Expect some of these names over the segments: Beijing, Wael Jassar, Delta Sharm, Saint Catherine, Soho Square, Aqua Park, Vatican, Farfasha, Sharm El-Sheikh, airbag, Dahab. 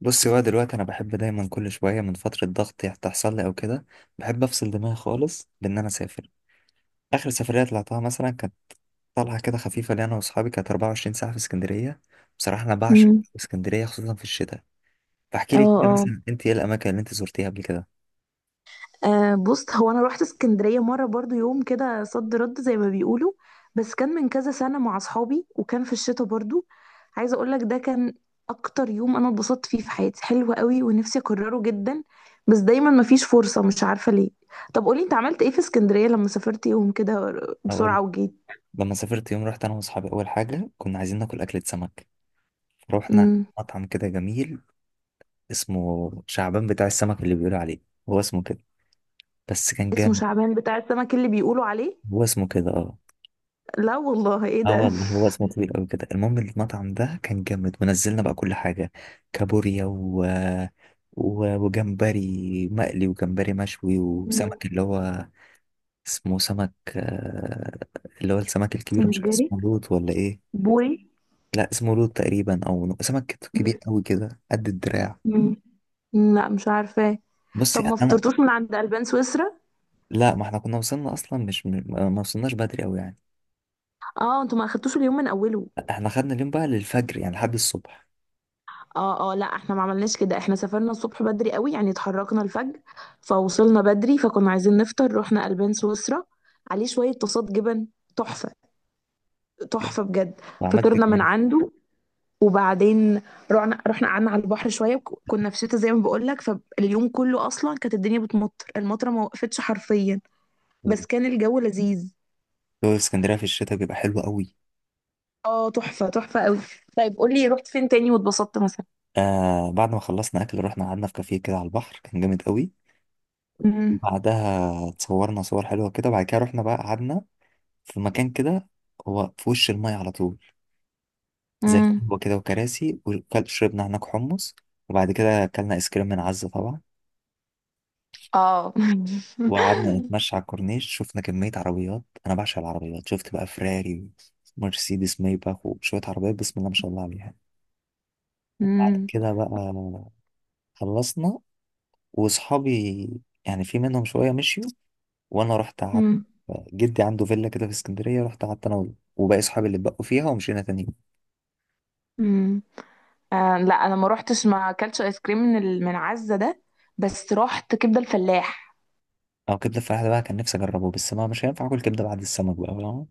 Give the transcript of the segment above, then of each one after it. بصي بقى دلوقتي، انا بحب دايما كل شويه من فتره ضغط تحصل لي او كده. بحب افصل دماغي خالص بان انا اسافر. اخر سفريه طلعتها مثلا كانت طلعه كده خفيفه لي انا واصحابي، كانت 24 ساعه في اسكندريه. بصراحه انا بعشق امم. اسكندريه خصوصا في الشتاء. فاحكي اه، لي كده اه. مثلا انت ايه الاماكن اللي انت زرتيها قبل كده؟ آه، بص، هو انا رحت اسكندريه مره برضو يوم كده صد رد زي ما بيقولوا. بس كان من كذا سنه مع اصحابي، وكان في الشتاء برضو. عايزه اقول لك ده كان اكتر يوم انا اتبسطت فيه في حياتي. حلو قوي، ونفسي اكرره جدا. بس دايما مفيش فرصه، مش عارفه ليه. طب قولي، انت عملت ايه في اسكندريه لما سافرت يوم كده اقول، بسرعه وجيت؟ لما سافرت يوم رحت انا واصحابي اول حاجه كنا عايزين ناكل اكله سمك، فروحنا امم. مطعم كده جميل اسمه شعبان بتاع السمك اللي بيقولوا عليه، هو اسمه كده، بس كان اسمه جامد. شعبان بتاع السمك اللي بيقولوا عليه؟ هو اسمه كده اه. لا والله، ايه اه ده؟ والله هو اسمه طويل قوي كده، المهم المطعم ده كان جامد ونزلنا بقى كل حاجة، كابوريا وجمبري مقلي وجمبري مشوي مم. وسمك اللي هو اسمه سمك، اللي هو السمك الكبير، مش عارف سنجري؟ اسمه لوت ولا ايه. بوري؟ لا اسمه لوت تقريبا، او سمك كبير قوي كده قد الدراع. مم. لا، مش عارفه. بصي طب ما انا، فطرتوش من عند البان سويسرا؟ لا ما احنا كنا وصلنا اصلا، مش ما وصلناش بدري قوي يعني. اه، انتوا ما اخدتوش اليوم من اوله؟ احنا خدنا اليوم بقى للفجر يعني لحد الصبح. اه، اه. لا احنا ما عملناش كده، احنا سافرنا الصبح بدري قوي، يعني اتحركنا الفجر. فوصلنا بدري، فكنا عايزين نفطر، رحنا البان سويسرا عليه شويه طاسات جبن تحفه. تحفه بجد. وعملت إيه فطرنا من كمان؟ عنده وبعدين. رحنا قعدنا على البحر شويه، كنا في شتا زي ما بقول لك. فاليوم كله اصلا كانت الدنيا بتمطر، المطره ما وقفتش حرفيا. بس كان الجو لذيذ. جو اسكندريه في الشتاء بيبقى حلو قوي. اه، تحفه تحفه قوي. طيب قولي، رحت فين تاني واتبسطت مثلا؟ آه، بعد ما خلصنا اكل رحنا قعدنا في كافيه كده على البحر، كان جامد قوي. مم. بعدها اتصورنا صور حلوه كده، بعد كده رحنا بقى قعدنا في مكان كده، هو في وش المايه على طول، زي امم. قهوه كده وكراسي، وشربنا هناك حمص، وبعد كده اكلنا ايس كريم من عزه طبعا. اه. وقعدنا نتمشى على الكورنيش، شفنا كميه عربيات، انا بعشق العربيات، شفت بقى فراري ومرسيدس مايباخ وشويه عربيات بسم الله ما شاء الله عليها. وبعد امم. كده بقى خلصنا، واصحابي يعني في منهم شويه مشيوا، وانا رحت قعدت. امم. جدي عنده فيلا كده في اسكندريه، رحت قعدت انا وباقي صحابي اللي اتبقوا فيها، ومشينا تاني يوم. امم. آه لا، انا ما روحتش، ما اكلتش ايس كريم من من عزة ده. بس رحت كبده الفلاح. او كبده الفلاحه ده بقى كان نفسي اجربه، بس ما مش هينفع اكل كبده بعد السمك بقى، فاهم؟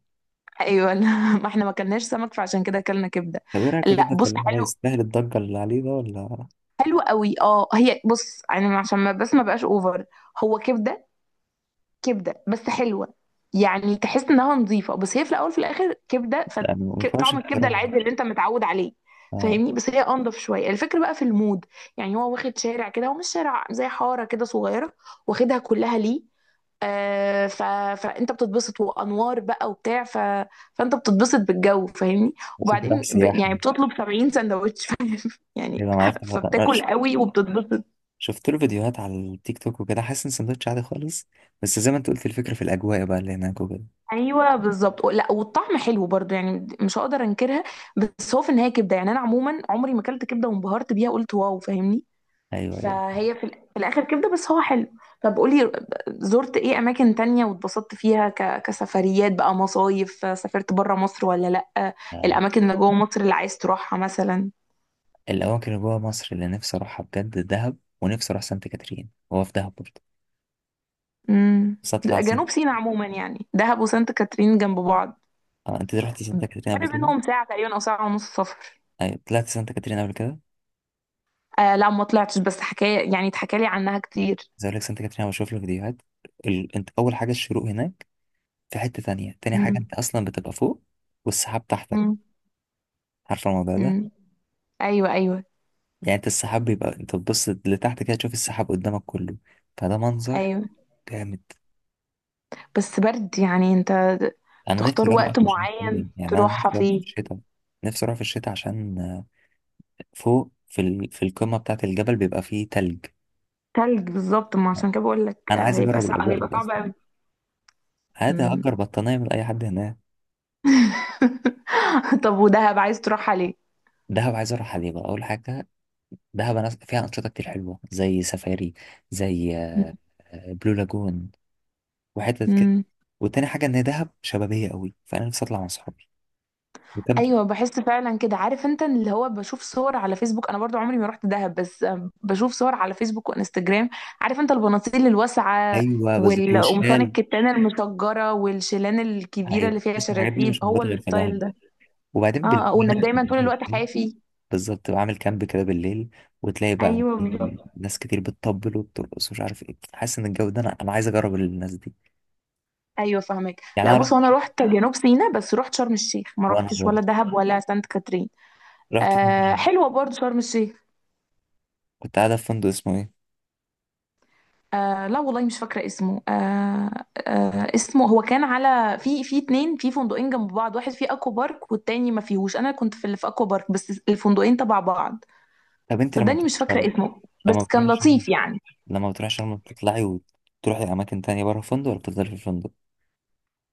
ايوه، لا. ما احنا ما اكلناش سمك، فعشان كده اكلنا كبده. طب ايه رايك في لا كبده بص، الفلاحه ده، حلو. يستاهل الضجه اللي عليه ده ولا؟ حلو قوي. اه، هي بص يعني عشان ما بس ما بقاش اوفر. هو كبده. كبده بس حلوه. يعني تحس انها نظيفه، بس هي في الاول في الاخر كبده. يعني ما ينفعش طعم الكبده اختراع؟ العادي اللي انت متعود عليه. اه، فاهمني. بس هي انضف شويه، الفكره بقى في المود. يعني هو واخد شارع كده، هو مش شارع زي حاره كده صغيره. واخدها كلها ليه. آه فانت بتتبسط، وانوار بقى وبتاع فانت بتتبسط بالجو، فاهمني. بس انت رايح وبعدين سياحه يعني يعني. بتطلب 70 سندوتش. يعني. ايوه انا عرفت الوضع ده. فبتاكل قوي وبتتبسط. شفت له فيديوهات على التيك توك وكده، حاسس ان سندوتش عادي خالص، بس زي ما انت قلت الفكره في الاجواء بقى اللي هناك وكده. ايوه بالظبط. لا، والطعم حلو برضو، يعني مش هقدر انكرها. بس هو في النهايه كبده، يعني انا عموما عمري ما اكلت كبده وانبهرت بيها قلت واو، فاهمني. ايوه، ايوه، فهي في الاخر كبده، بس هو حلو. طب قولي، زرت ايه اماكن تانية واتبسطت فيها، كسفريات بقى، مصايف، سافرت بره مصر ولا لا؟ آه. الاماكن اللي جوه مصر اللي عايز تروحها مثلا. الاماكن اللي جوه مصر اللي نفسي اروحها بجد دهب، ونفسي اروح سانت كاترين، هو في دهب برضه، امم. بس جنوب سيناء عموما، يعني دهب وسانت كاترين جنب بعض. آه، انت رحتي سانتا كاترين قبل فرق كده؟ بينهم ساعه تقريبا او ساعه ونص سفر. ايوه طلعت سانتا كاترين قبل كده. آه لا، ما طلعتش، بس حكاية يعني اتحكى لي عنها كتير. زي اقول لك سانتا كاترين، أنا بشوف له فيديوهات، انت اول حاجه الشروق هناك في حته تانية، تاني حاجه مم. انت اصلا بتبقى فوق والسحاب تحتك، مم. عارفه الموضوع ده؟ مم. ايوه، ايوه. يعني انت السحاب بيبقى، انت تبص لتحت كده تشوف السحاب قدامك كله، فده منظر ايوه، جامد. بس برد يعني انت. انا نفسي تختار اروح وقت اصلا عشان معين كده. يعني انا تروحها نفسي اروح في فيه. الشتاء. نفسي اروح في الشتاء عشان فوق في في القمه بتاعه الجبل بيبقى فيه تلج. تلج بالظبط، ما عشان كده بقول لك، انا آه، عايز هيبقى اجرب صعب، الاجواء هيبقى دي صعب اصلا، قوي. عادي مم. هأجر بطانيه من اي حد هناك. طب ودهب عايز تروحها ليه؟ دهب عايز اروحها ليه بقى؟ اول حاجه دهب أنا فيها انشطه كتير حلوه، زي سفاري، زي بلو لاجون وحتت كده. مم. وتاني حاجه ان دهب شبابيه قوي، فانا نفسي اطلع مع صحابي. وكم. ايوه، بحس فعلا كده، عارف انت، اللي هو بشوف صور على فيسبوك، انا برضو عمري ما رحت دهب، بس بشوف صور على فيسبوك وانستجرام. عارف انت البناطيل الواسعه ايوه بس والقمصان وشال. الكتان المشجره والشيلان الكبيره ايوه اللي فيها بس الحاجات دي شراشيب، مش هو موجوده غير في دهب، الستايل ده. وبعدين اه، بالليل آه، هناك وانك دايما بتبقى طول عامل الوقت إزاي؟ حافي. بالظبط تبقى عامل كامب كده بالليل، وتلاقي بقى ايوه في بالظبط. ناس كتير بتطبل وبترقص ومش عارف ايه، حاسس ان الجو ده، انا عايز اجرب الناس دي. ايوه فاهمك. يعني لا انا رحت، بص، هو انا رحت جنوب سيناء، بس رحت شرم الشيخ، ما وانا رحتش برضه ولا دهب ولا سانت كاترين. رحت آه، فين؟ حلوه برضو شرم الشيخ. كنت قاعده في فندق اسمه ايه؟ آه لا والله مش فاكرة اسمه، آه. آه، اسمه هو كان على في اتنين، في فندقين جنب بعض، واحد فيه اكوا بارك والتاني ما فيهوش، انا كنت في اللي في اكوا بارك، بس الفندقين تبع بعض. طب انت لما صدقني بتروحي مش فاكرة شرم اسمه، لما بس كان بتروحي شرم لطيف يعني. لما بتروحي شرم بتطلعي وتروحي اماكن تانية بره الفندق ولا بتفضلي في الفندق؟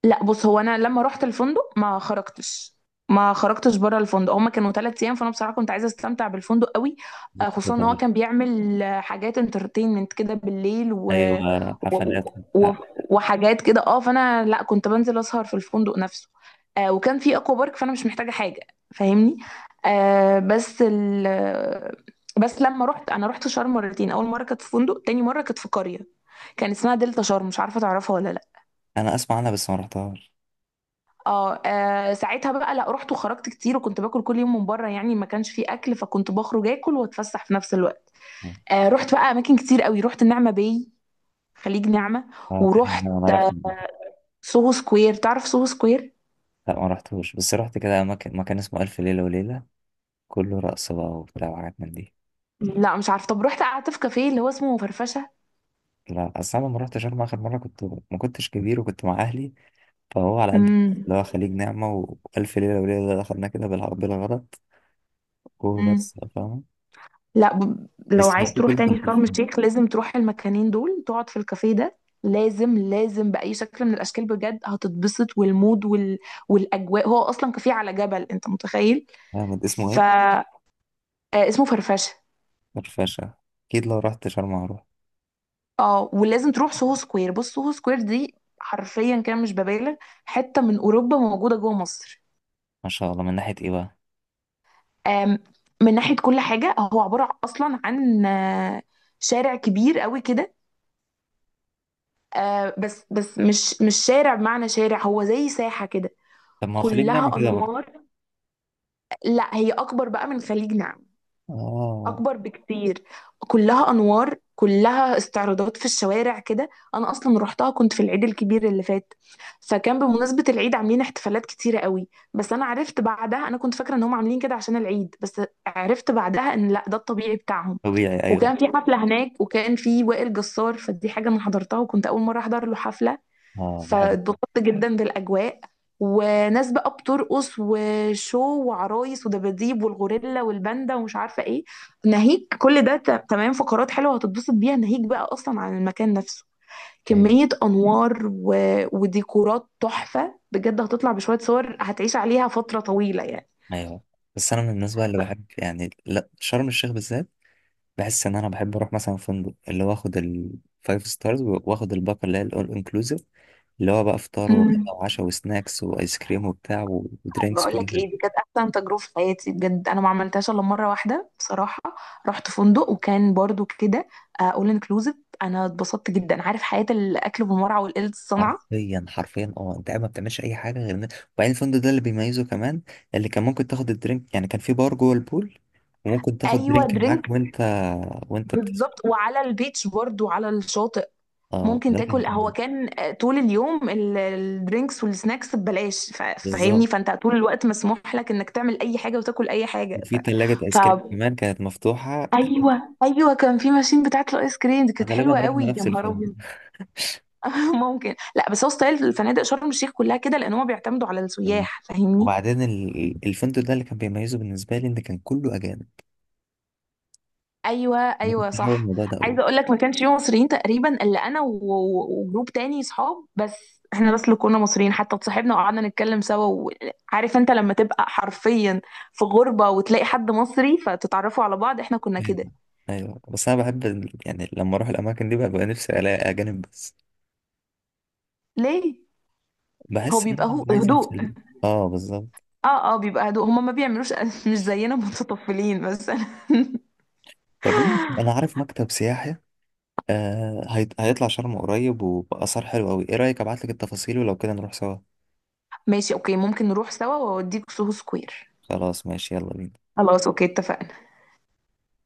لا بص، هو انا لما رحت الفندق ما خرجتش. ما خرجتش بره الفندق، هما كانوا 3 ايام، فانا بصراحه كنت عايزه استمتع بالفندق قوي. آه، بتفضلي خصوصا ان هو بره. كان بيعمل حاجات انترتينمنت كده بالليل ايوه و... حفلات و... وبتاع. وحاجات كده اه، فانا لا كنت بنزل اسهر في الفندق نفسه. آه وكان في اكوا بارك فانا مش محتاجه حاجه. فاهمني. آه، بس بس لما رحت، انا رحت شرم مرتين، اول مره كانت في فندق، تاني مره كانت في قريه. كان اسمها دلتا شرم، مش عارفه تعرفها ولا لا. انا اسمع عنها بس ما رحتهاش. اه، آه، ساعتها بقى، لا، رحت وخرجت كتير، وكنت باكل كل يوم من بره، يعني ما كانش فيه اكل، فكنت بخرج اكل واتفسح في نفس الوقت. آه، رحت بقى اماكن كتير قوي، رحت النعمه باي. خليج نعمه. اه تحية، ورحت انا رحت قبل كده. سوهو سكوير، تعرف سوهو سكوير؟ لا ما رحتوش، بس رحت كده مكان اسمه الف ليله وليله، كله رقص بقى وبتاع وحاجات من دي. لا مش عارفه. طب رحت قعدت في كافيه اللي هو اسمه فرفشه. لا اصل انا لما رحت شرم اخر مره كنت ما كنتش كبير وكنت مع اهلي، فهو على قد امم. اللي هو خليج نعمه والف ليله وليله ده دخلنا كده بالغلط امم. وبس، فاهم. لا، لو بس هو عايز في تروح كله كان تاني شرم الشيخ، لازم تروح المكانين دول، تقعد في الكافيه ده. لازم، لازم بأي شكل من الأشكال، بجد هتتبسط، والمود والأجواء. هو أصلا كافيه على جبل، أنت متخيل؟ جامد، اسمه ف ايه؟ آه، اسمه فرفشه. الفاشا. اكيد لو رحت شرم هروح. اه، ولازم تروح سوهو سكوير. بص سوهو سكوير دي حرفيا كده مش ببالغ، حته من اوروبا موجوده جوه مصر. ما شاء الله، من ناحية ايه بقى؟ آم، من ناحيه كل حاجه، هو عباره اصلا عن شارع كبير قوي كده. بس مش شارع بمعنى شارع، هو زي ساحه كده. طب ما هو خليج نعمة كلها كده برضه. انوار. لا، هي اكبر بقى من خليجنا. اه. اكبر بكتير. كلها انوار، كلها استعراضات في الشوارع كده. انا اصلا روحتها كنت في العيد الكبير اللي فات. فكان بمناسبة العيد عاملين احتفالات كتيرة قوي. بس انا عرفت بعدها، انا كنت فاكرة ان هم عاملين كده عشان العيد بس. عرفت بعدها ان لا، ده الطبيعي بتاعهم. طبيعي ايوه. وكان في حفلة هناك، وكان في وائل جسار، فدي حاجة انا حضرتها، وكنت اول مرة احضر له حفلة. اه بحب. فاتبسطت جدا بالاجواء. وناس بقى بترقص وشو، وعرايس ودباديب والغوريلا والباندا ومش عارفه ايه. ناهيك كل ده، تمام، فقرات حلوه هتتبسط بيها، ناهيك بقى اصلا عن المكان نفسه. ايوه، كميه انوار وديكورات تحفه بجد، هتطلع بشويه صور هتعيش عليها فتره طويله يعني. ايوه، بس انا من الناس بقى اللي بحب يعني، لا شرم الشيخ بالذات، بحس ان انا بحب اروح مثلا فندق اللي هو اخد الفايف ستارز، واخد الباقه اللي هي الاول انكلوسيف، اللي هو بقى فطار مم. وغدا وعشاء وسناكس وايس كريم وبتاع ودرينكس بقول لك كلها. ايه، دي كانت احسن تجربه في حياتي بجد، انا ما عملتهاش الا مره واحده بصراحه. رحت فندق وكان برضو كده اول انكلوزيف. انا اتبسطت جدا، عارف حياه الاكل بالمرعى والقلة الصنعه. حرفيا حرفيا اه، انت قاعد ما بتعملش اي حاجه غير ان. وبعدين الفندق ده اللي بيميزه كمان، اللي كان ممكن تاخد الدرينك يعني، كان في بار جوه البول وممكن تاخد ايوه درينك معاك درينك. وانت بتسبح. بالظبط، وعلى البيتش برضو، على الشاطئ. اه ممكن ده كان تاكل، هو جامد. كان طول اليوم الدرينكس والسناكس ببلاش، بالظبط فاهمني، فانت طول الوقت مسموح لك انك تعمل اي حاجه وتاكل اي حاجه وفي ثلاجه ف... ايس كريم كمان كانت مفتوحه. ايوه، ايوه، كان في ماشين بتاعت الايس كريم دي، كانت غالبا حلوه رحنا قوي، يا نفس نهار الفندق ابيض. ممكن. لا بس هو ستايل الفنادق شرم الشيخ كلها كده، لان هم بيعتمدوا على والله. السياح، فاهمني. وبعدين الفندق ده اللي كان بيميزه بالنسبه لي ان كان كله اجانب. ايوه، انا ايوه، كنت حابب صح. الموضوع ده قوي. عايزه اقول لك، ما كانش فيه مصريين تقريبا الا انا وجروب تاني صحاب بس. احنا بس اللي كنا مصريين، حتى اتصاحبنا وقعدنا نتكلم سوا. وعارف انت لما تبقى حرفيا في غربه وتلاقي حد مصري فتتعرفوا على بعض، احنا كنا كده. ايوه، ايوه، بس انا بحب يعني لما اروح الاماكن دي بقى، نفسي الاقي اجانب بس. ليه؟ هو بحس ان بيبقى، انا هو عايز هدوء. افصل بقى. اه بالظبط. اه، اه، بيبقى هدوء، هما ما بيعملوش. مش زينا متطفلين مثلا. طب انا عارف مكتب سياحي، آه، هيطلع شرم قريب وبأسعار حلوة قوي، ايه رأيك ابعت لك التفاصيل ولو كده نروح سوا؟ ماشي، اوكي، ممكن نروح سوا واوديك سوهو سكوير. خلاص ماشي يلا بينا. خلاص، اوكي، اتفقنا.